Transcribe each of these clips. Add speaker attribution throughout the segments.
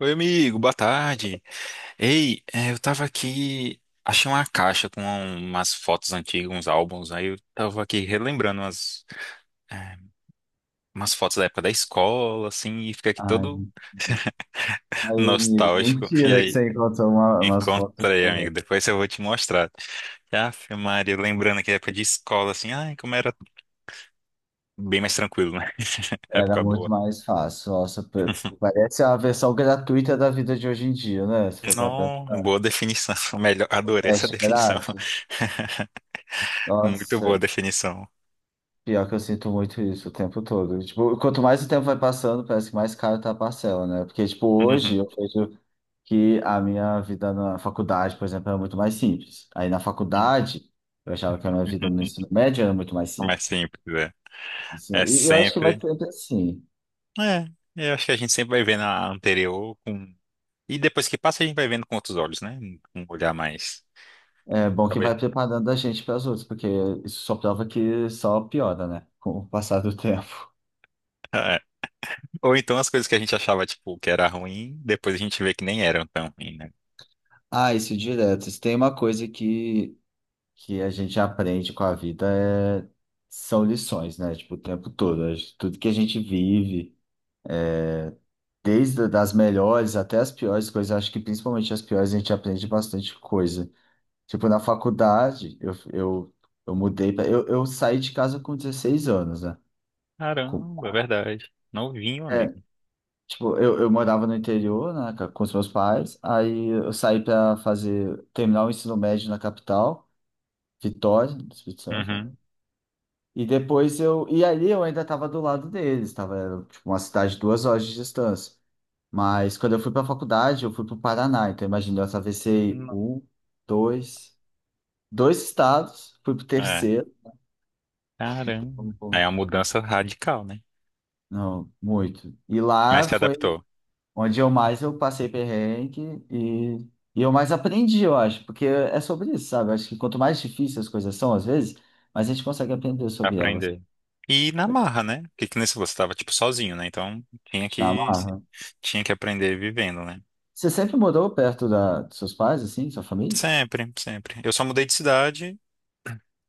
Speaker 1: Oi, amigo, boa tarde. Ei, é, eu tava aqui, achei uma caixa com umas fotos antigas, uns álbuns, aí eu tava aqui relembrando é, umas fotos da época da escola, assim, e fica aqui
Speaker 2: Ai,
Speaker 1: todo
Speaker 2: aí,
Speaker 1: nostálgico. E
Speaker 2: mentira que
Speaker 1: aí,
Speaker 2: você encontrou umas fotos
Speaker 1: encontrei, amigo,
Speaker 2: corretas.
Speaker 1: depois eu vou te mostrar. Aff, Maria, lembrando aqui a época de escola, assim, ai, como era bem mais tranquilo, né?
Speaker 2: Era
Speaker 1: Época
Speaker 2: muito
Speaker 1: boa.
Speaker 2: mais fácil. Nossa, parece a versão gratuita da vida de hoje em dia, né? Se for para
Speaker 1: Não,
Speaker 2: pensar,
Speaker 1: boa definição, melhor, adorei essa
Speaker 2: teste
Speaker 1: definição.
Speaker 2: grátis.
Speaker 1: Muito boa
Speaker 2: Nossa,
Speaker 1: definição.
Speaker 2: pior que eu sinto muito isso o tempo todo. Tipo, quanto mais o tempo vai passando, parece que mais caro tá a parcela, né? Porque, tipo, hoje
Speaker 1: Uhum.
Speaker 2: eu vejo que a minha vida na faculdade, por exemplo, era muito mais simples. Aí na faculdade, eu achava que a minha vida no ensino médio era muito mais
Speaker 1: Como é
Speaker 2: simples.
Speaker 1: simples, é.
Speaker 2: Isso-
Speaker 1: É
Speaker 2: E eu acho que vai
Speaker 1: sempre.
Speaker 2: ser sempre assim.
Speaker 1: É, eu acho que a gente sempre vai vendo a anterior com. E depois que passa, a gente vai vendo com outros olhos, né? Um olhar mais.
Speaker 2: É bom que
Speaker 1: Talvez.
Speaker 2: vai preparando a gente para as outras, porque isso só prova que só piora, né? Com o passar do tempo.
Speaker 1: É. Ou então as coisas que a gente achava, tipo, que era ruim, depois a gente vê que nem eram tão ruim, né?
Speaker 2: Ah, isso direto. Se tem uma coisa que a gente aprende com a vida é... são lições, né? Tipo, o tempo todo. A gente... Tudo que a gente vive, desde das melhores até as piores coisas, acho que principalmente as piores a gente aprende bastante coisa. Tipo, na faculdade, eu mudei, pra... eu saí de casa com 16 anos, né? Com...
Speaker 1: Caramba, é verdade. Novinho,
Speaker 2: é,
Speaker 1: amigo.
Speaker 2: tipo, eu morava no interior, né, com os meus pais, aí eu saí para fazer, terminar o ensino médio na capital, Vitória, no Espírito Santo, né?
Speaker 1: Uhum.
Speaker 2: E depois eu, e ali eu ainda estava do lado deles, estava, era, tipo, uma cidade de 2 horas de distância. Mas quando eu fui para a faculdade, eu fui para o Paraná, então imagina, eu atravessei
Speaker 1: Não-
Speaker 2: um, dois, dois estados, fui para o
Speaker 1: É.
Speaker 2: terceiro,
Speaker 1: Caramba. Aí é uma mudança radical, né?
Speaker 2: não, muito. E
Speaker 1: Mas
Speaker 2: lá
Speaker 1: se
Speaker 2: foi
Speaker 1: adaptou.
Speaker 2: onde eu mais eu passei perrengue e eu mais aprendi, eu acho, porque é sobre isso, sabe? Eu acho que quanto mais difíceis as coisas são, às vezes, mas a gente consegue aprender sobre elas
Speaker 1: Aprender. E na marra, né? Porque que nem se você tava, tipo, sozinho, né? Então, tinha
Speaker 2: na
Speaker 1: que,
Speaker 2: marra.
Speaker 1: tinha que aprender vivendo, né?
Speaker 2: Você sempre morou perto da, dos seus pais, assim, sua família?
Speaker 1: Sempre, sempre. Eu só mudei de cidade,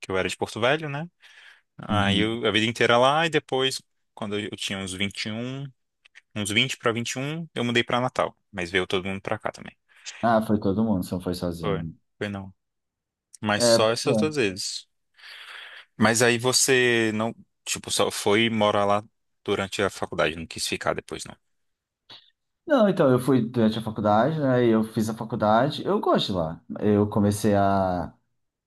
Speaker 1: que eu era de Porto Velho, né? Aí
Speaker 2: Uhum.
Speaker 1: eu, a vida inteira lá, e depois, quando eu tinha uns 21, uns 20 pra um, eu mudei pra Natal. Mas veio todo mundo pra cá também.
Speaker 2: Ah, foi todo mundo, você não foi
Speaker 1: Foi,
Speaker 2: sozinho.
Speaker 1: foi não. Mas
Speaker 2: É,
Speaker 1: só
Speaker 2: pois
Speaker 1: essas
Speaker 2: é.
Speaker 1: duas vezes. Mas aí você não, tipo, só foi morar lá durante a faculdade, não quis ficar depois, não.
Speaker 2: Não, então, eu fui durante a faculdade, né? E eu fiz a faculdade, eu gosto de lá. Eu comecei a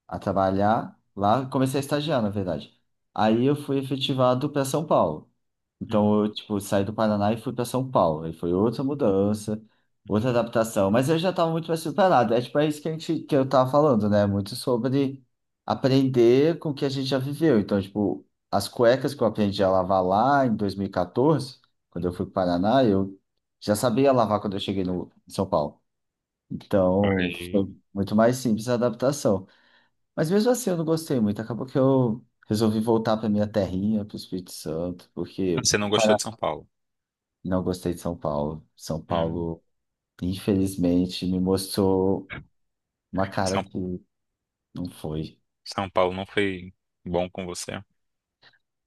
Speaker 2: trabalhar lá, comecei a estagiar, na verdade. Aí eu fui efetivado para São Paulo. Então eu, tipo, saí do Paraná e fui para São Paulo. Aí foi outra mudança, outra adaptação, mas eu já estava muito mais preparado. É tipo é isso que a gente que eu tava falando, né? Muito sobre aprender com o que a gente já viveu. Então, tipo, as cuecas que eu aprendi a lavar lá em 2014, quando eu
Speaker 1: Uhum.
Speaker 2: fui para o Paraná, eu já sabia lavar quando eu cheguei no em São Paulo. Então,
Speaker 1: Aí,
Speaker 2: foi muito mais simples a adaptação. Mas mesmo assim eu não gostei muito. Acabou que eu resolvi voltar para minha terrinha, para o Espírito Santo, porque
Speaker 1: você não gostou
Speaker 2: para...
Speaker 1: de São Paulo?
Speaker 2: não gostei de São Paulo. São
Speaker 1: Hum.
Speaker 2: Paulo, infelizmente, me mostrou uma cara
Speaker 1: São,
Speaker 2: que não foi.
Speaker 1: São Paulo não foi bom com você?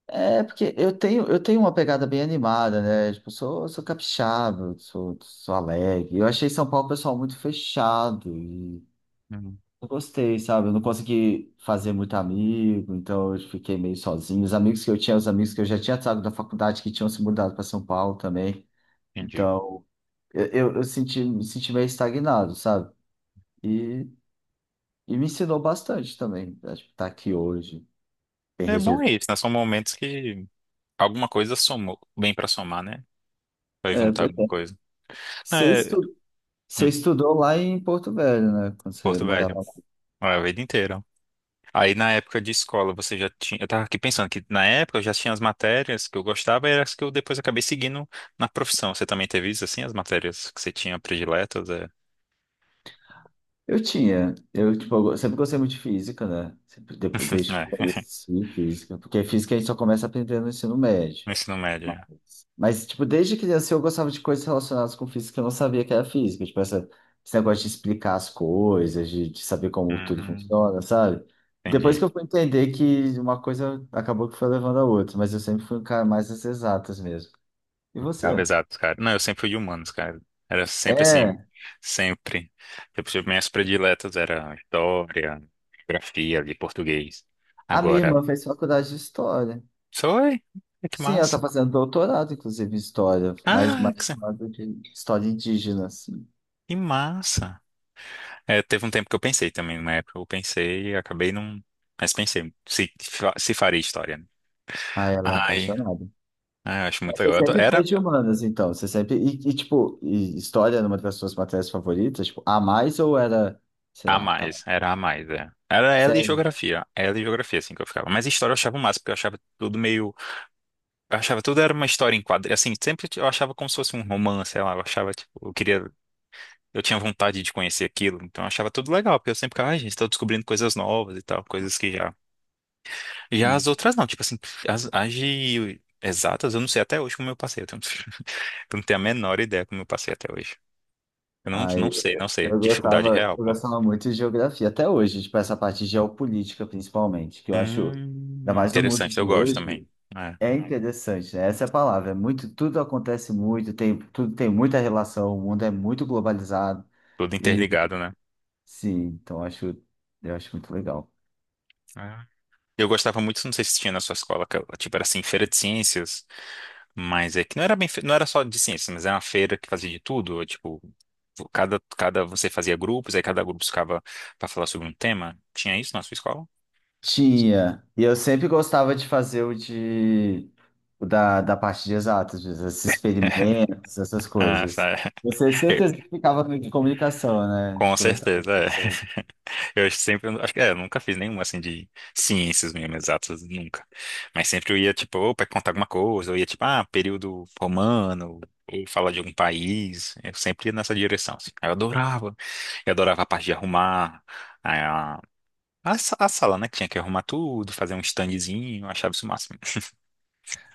Speaker 2: É porque eu tenho uma pegada bem animada, né? Tipo, eu sou capixaba, eu sou alegre. Eu achei São Paulo, um pessoal, muito fechado.
Speaker 1: Hum,
Speaker 2: Eu gostei, sabe? Eu não consegui fazer muito amigo, então eu fiquei meio sozinho. Os amigos que eu tinha, os amigos que eu já tinha sabe, da faculdade, que tinham se mudado para São Paulo também.
Speaker 1: entendi.
Speaker 2: Então, eu senti, me senti meio estagnado, sabe? E, e me ensinou bastante também. Acho que estar aqui hoje, bem
Speaker 1: É bom é
Speaker 2: resolvido.
Speaker 1: isso, né? São momentos que alguma coisa somou, bem pra somar, né? Vai
Speaker 2: É,
Speaker 1: juntar
Speaker 2: pois é.
Speaker 1: alguma coisa.
Speaker 2: Você
Speaker 1: É,
Speaker 2: estu- você
Speaker 1: hum,
Speaker 2: estudou lá em Porto Velho, né? Quando você
Speaker 1: Porto Velho,
Speaker 2: morava lá.
Speaker 1: a vida inteira. Aí na época de escola você já tinha. Eu tava aqui pensando que na época eu já tinha as matérias que eu gostava e eram as que eu depois acabei seguindo na profissão. Você também teve isso assim, as matérias que você tinha prediletas? É,
Speaker 2: Eu tinha. Eu, tipo, eu sempre gostei muito de física, né? Sempre, depois, desde que eu
Speaker 1: é,
Speaker 2: conheci física. Porque física a gente só começa aprendendo no ensino médio.
Speaker 1: no ensino médio. É.
Speaker 2: Mas, tipo, desde criança eu gostava de coisas relacionadas com física que eu não sabia que era física. Tipo, essa, esse negócio de explicar as coisas, de saber como tudo
Speaker 1: Hum,
Speaker 2: funciona, sabe? Depois
Speaker 1: entendi.
Speaker 2: que eu fui entender que uma coisa acabou que foi levando a outra, mas eu sempre fui um cara mais das exatas mesmo. E
Speaker 1: Ah,
Speaker 2: você?
Speaker 1: exato, cara. Não, eu sempre fui de humanos, cara. Era sempre assim,
Speaker 2: É,
Speaker 1: sempre. Tipo, minhas prediletas era história, geografia, ali, português.
Speaker 2: a minha
Speaker 1: Agora,
Speaker 2: irmã fez faculdade de história.
Speaker 1: oi, é que
Speaker 2: Sim, ela tá
Speaker 1: massa.
Speaker 2: fazendo doutorado, inclusive, em história, mas
Speaker 1: Ah,
Speaker 2: mais chamada de história indígena, assim.
Speaker 1: que massa. É, teve um tempo que eu pensei também, numa época eu pensei e acabei não... Mas pensei, se faria história, né?
Speaker 2: Ah, ela é
Speaker 1: Ai,
Speaker 2: apaixonada.
Speaker 1: ai, eu acho muito
Speaker 2: Mas você
Speaker 1: legal.
Speaker 2: sempre foi de humanas, então. Você sempre. E, tipo, e história era uma das suas matérias favoritas? Tipo, a mais ou era, sei lá, tá.
Speaker 1: Era a mais, é. Era
Speaker 2: Sério?
Speaker 1: ela e geografia, assim, que eu ficava. Mas história eu achava o máximo, porque eu achava tudo meio. Eu achava tudo era uma história em quadro. Assim, sempre eu achava como se fosse um romance, sei lá, eu achava, tipo, eu queria, eu tinha vontade de conhecer aquilo, então eu achava tudo legal, porque eu sempre ficava, ai, gente, tô descobrindo coisas novas e tal, coisas que já. Já as
Speaker 2: Hum.
Speaker 1: outras não, tipo assim, as de exatas, eu não sei até hoje como eu passei, eu não tenho a menor ideia como eu passei até hoje. Eu não,
Speaker 2: Ai,
Speaker 1: não sei, não sei,
Speaker 2: eu
Speaker 1: dificuldade
Speaker 2: gostava,
Speaker 1: real,
Speaker 2: eu
Speaker 1: pô.
Speaker 2: gostava muito de geografia, até hoje, tipo, essa parte de geopolítica, principalmente, que eu acho, ainda mais no mundo
Speaker 1: Interessante, eu
Speaker 2: de
Speaker 1: gosto
Speaker 2: hoje,
Speaker 1: também. É,
Speaker 2: é interessante, né? Essa é a palavra. É muito, tudo acontece muito, tem, tudo tem muita relação, o mundo é muito globalizado.
Speaker 1: tudo
Speaker 2: E
Speaker 1: interligado, né?
Speaker 2: sim, então eu acho muito legal.
Speaker 1: É. Eu gostava muito, não sei se tinha na sua escola, que, tipo, era assim, feira de ciências. Mas é que não era bem, não era só de ciências, mas era uma feira que fazia de tudo, tipo, cada você fazia grupos, aí cada grupo ficava para falar sobre um tema. Tinha isso na sua escola?
Speaker 2: Tinha. E eu sempre gostava de fazer o de o da parte de exatas, esses experimentos, essas
Speaker 1: Ah,
Speaker 2: coisas.
Speaker 1: sabe.
Speaker 2: Você tem certeza que ficava de comunicação, né?
Speaker 1: Com
Speaker 2: De conversar com as
Speaker 1: certeza, é.
Speaker 2: pessoas.
Speaker 1: Eu acho que sempre, acho que é, eu nunca fiz nenhuma assim de ciências mesmo, exatas, nunca. Mas sempre eu ia, tipo, ou para contar alguma coisa, eu ia, tipo, ah, período romano, ou falar de algum país. Eu sempre ia nessa direção, assim. Aí eu adorava. Eu adorava a parte de arrumar, a sala, né? Que tinha que arrumar tudo, fazer um standzinho, eu achava isso o máximo.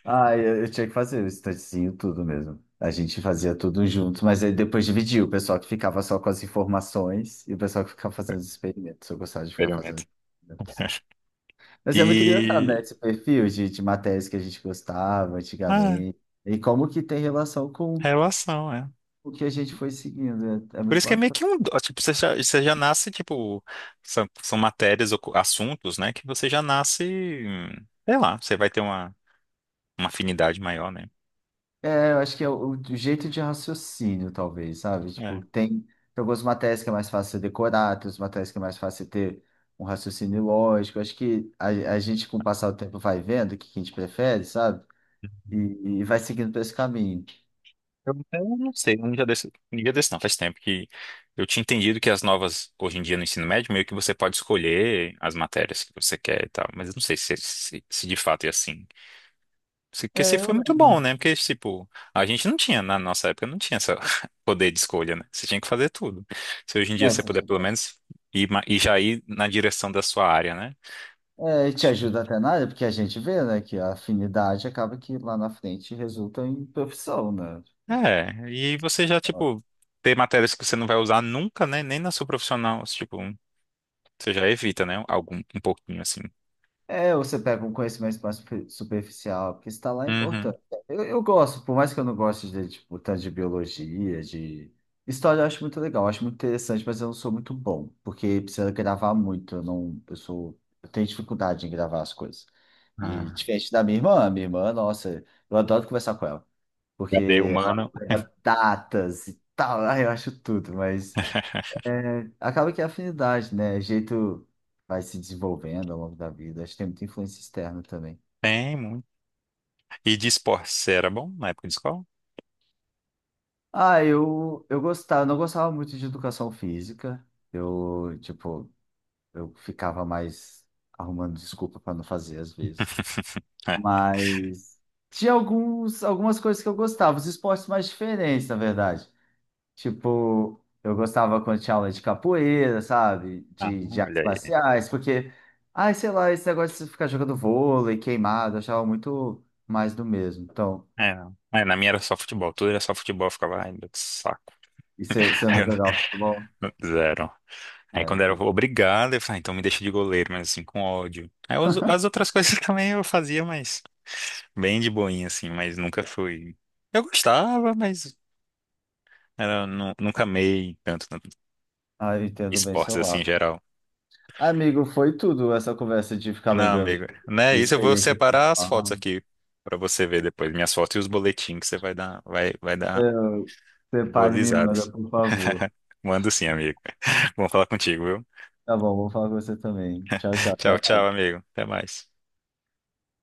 Speaker 2: Ah, eu tinha que fazer o estantezinho, tudo mesmo. A gente fazia tudo junto, mas aí depois dividia o pessoal que ficava só com as informações e o pessoal que ficava fazendo os experimentos. Eu gostava de ficar fazendo
Speaker 1: Experimento.
Speaker 2: experimentos. Mas é muito engraçado, né?
Speaker 1: E.
Speaker 2: Esse perfil de matérias que a gente gostava
Speaker 1: Ah,
Speaker 2: antigamente. E como que tem relação com
Speaker 1: relação, é.
Speaker 2: o que a gente foi seguindo. É, é
Speaker 1: Por
Speaker 2: muito
Speaker 1: isso que é meio
Speaker 2: bacana.
Speaker 1: que um dó, tipo, você já nasce, tipo. São matérias ou assuntos, né? Que você já nasce. Sei lá, você vai ter uma afinidade maior, né?
Speaker 2: É, eu acho que é o jeito de raciocínio, talvez, sabe?
Speaker 1: É.
Speaker 2: Tipo, tem algumas matérias que é mais fácil você decorar, tem outras matérias que é mais fácil você ter um raciocínio lógico. Eu acho que a gente, com o passar do tempo, vai vendo o que que a gente prefere, sabe? E, e vai seguindo por esse caminho.
Speaker 1: Eu até não sei, um dia desse não, faz tempo que eu tinha entendido que as novas, hoje em dia no ensino médio, meio que você pode escolher as matérias que você quer e tal, mas eu não sei se de fato é assim. Porque se
Speaker 2: É, eu
Speaker 1: foi muito bom,
Speaker 2: lembro.
Speaker 1: né? Porque, tipo, a gente não tinha, na nossa época, não tinha esse poder de escolha, né? Você tinha que fazer tudo. Se hoje em
Speaker 2: É,
Speaker 1: dia você puder, pelo
Speaker 2: sensacional.
Speaker 1: menos, e já ir na direção da sua área, né?
Speaker 2: É, e te ajuda até na área, porque a gente vê, né, que a afinidade acaba que lá na frente resulta em profissão, né? Tipo,
Speaker 1: É, e você já, tipo, ter matérias que você não vai usar nunca, né? Nem na sua profissional, tipo, você já evita, né? Algum, um pouquinho, assim.
Speaker 2: é, ou você pega um conhecimento mais superficial, porque está lá é
Speaker 1: Uhum.
Speaker 2: importante. Eu gosto, por mais que eu não goste de, tipo, tanto de biologia, de... História eu acho muito legal, eu acho muito interessante, mas eu não sou muito bom, porque precisa gravar muito, eu não... Eu sou... Eu tenho dificuldade em gravar as coisas. E
Speaker 1: Ah,
Speaker 2: diferente da minha irmã, nossa, eu adoro conversar com ela,
Speaker 1: cadê
Speaker 2: porque
Speaker 1: humano?
Speaker 2: pega datas e tal, ai, eu acho tudo, mas... É, acaba que é afinidade, né? É jeito vai se desenvolvendo ao longo da vida. Acho que tem muita influência externa também.
Speaker 1: Tem muito. E de esporte, você era bom na época de escola?
Speaker 2: Ah, eu gostava, não gostava muito de educação física. Eu, tipo, eu ficava mais arrumando desculpa para não fazer às vezes.
Speaker 1: É.
Speaker 2: Mas tinha alguns, algumas coisas que eu gostava, os esportes mais diferentes, na verdade. Tipo, eu gostava quando tinha aula de capoeira, sabe?
Speaker 1: Ah,
Speaker 2: De
Speaker 1: olha
Speaker 2: artes
Speaker 1: aí.
Speaker 2: marciais, porque, ai, sei lá, esse negócio de ficar jogando vôlei, queimado, eu achava muito mais do mesmo. Então,
Speaker 1: É, não. É, na minha era só futebol, tudo era só futebol, eu ficava, ai, meu que saco.
Speaker 2: e se eu
Speaker 1: Aí
Speaker 2: não
Speaker 1: eu
Speaker 2: jogava futebol?
Speaker 1: zero.
Speaker 2: É,
Speaker 1: Aí quando era
Speaker 2: pois-
Speaker 1: obrigado, eu falei, ah, então me deixa de goleiro, mas assim, com ódio. Aí as outras coisas também eu fazia, mas bem de boinha, assim, mas nunca fui. Eu gostava, mas nunca amei tanto, tanto
Speaker 2: ah, eu entendo bem
Speaker 1: esportes
Speaker 2: seu
Speaker 1: assim em
Speaker 2: lado.
Speaker 1: geral.
Speaker 2: Amigo, foi tudo essa conversa de ficar
Speaker 1: Não,
Speaker 2: lembrando
Speaker 1: amigo, né?
Speaker 2: de
Speaker 1: Isso eu vou
Speaker 2: experiências
Speaker 1: separar as fotos
Speaker 2: pessoais.
Speaker 1: aqui pra você ver depois, minhas fotos e os boletins que você vai dar, vai dar boas
Speaker 2: Separe e me manda,
Speaker 1: risadas.
Speaker 2: por favor.
Speaker 1: Mando sim, amigo. Vamos falar contigo, viu?
Speaker 2: Tá bom, vou falar com você também. Tchau, tchau.
Speaker 1: Tchau, tchau, amigo. Até mais.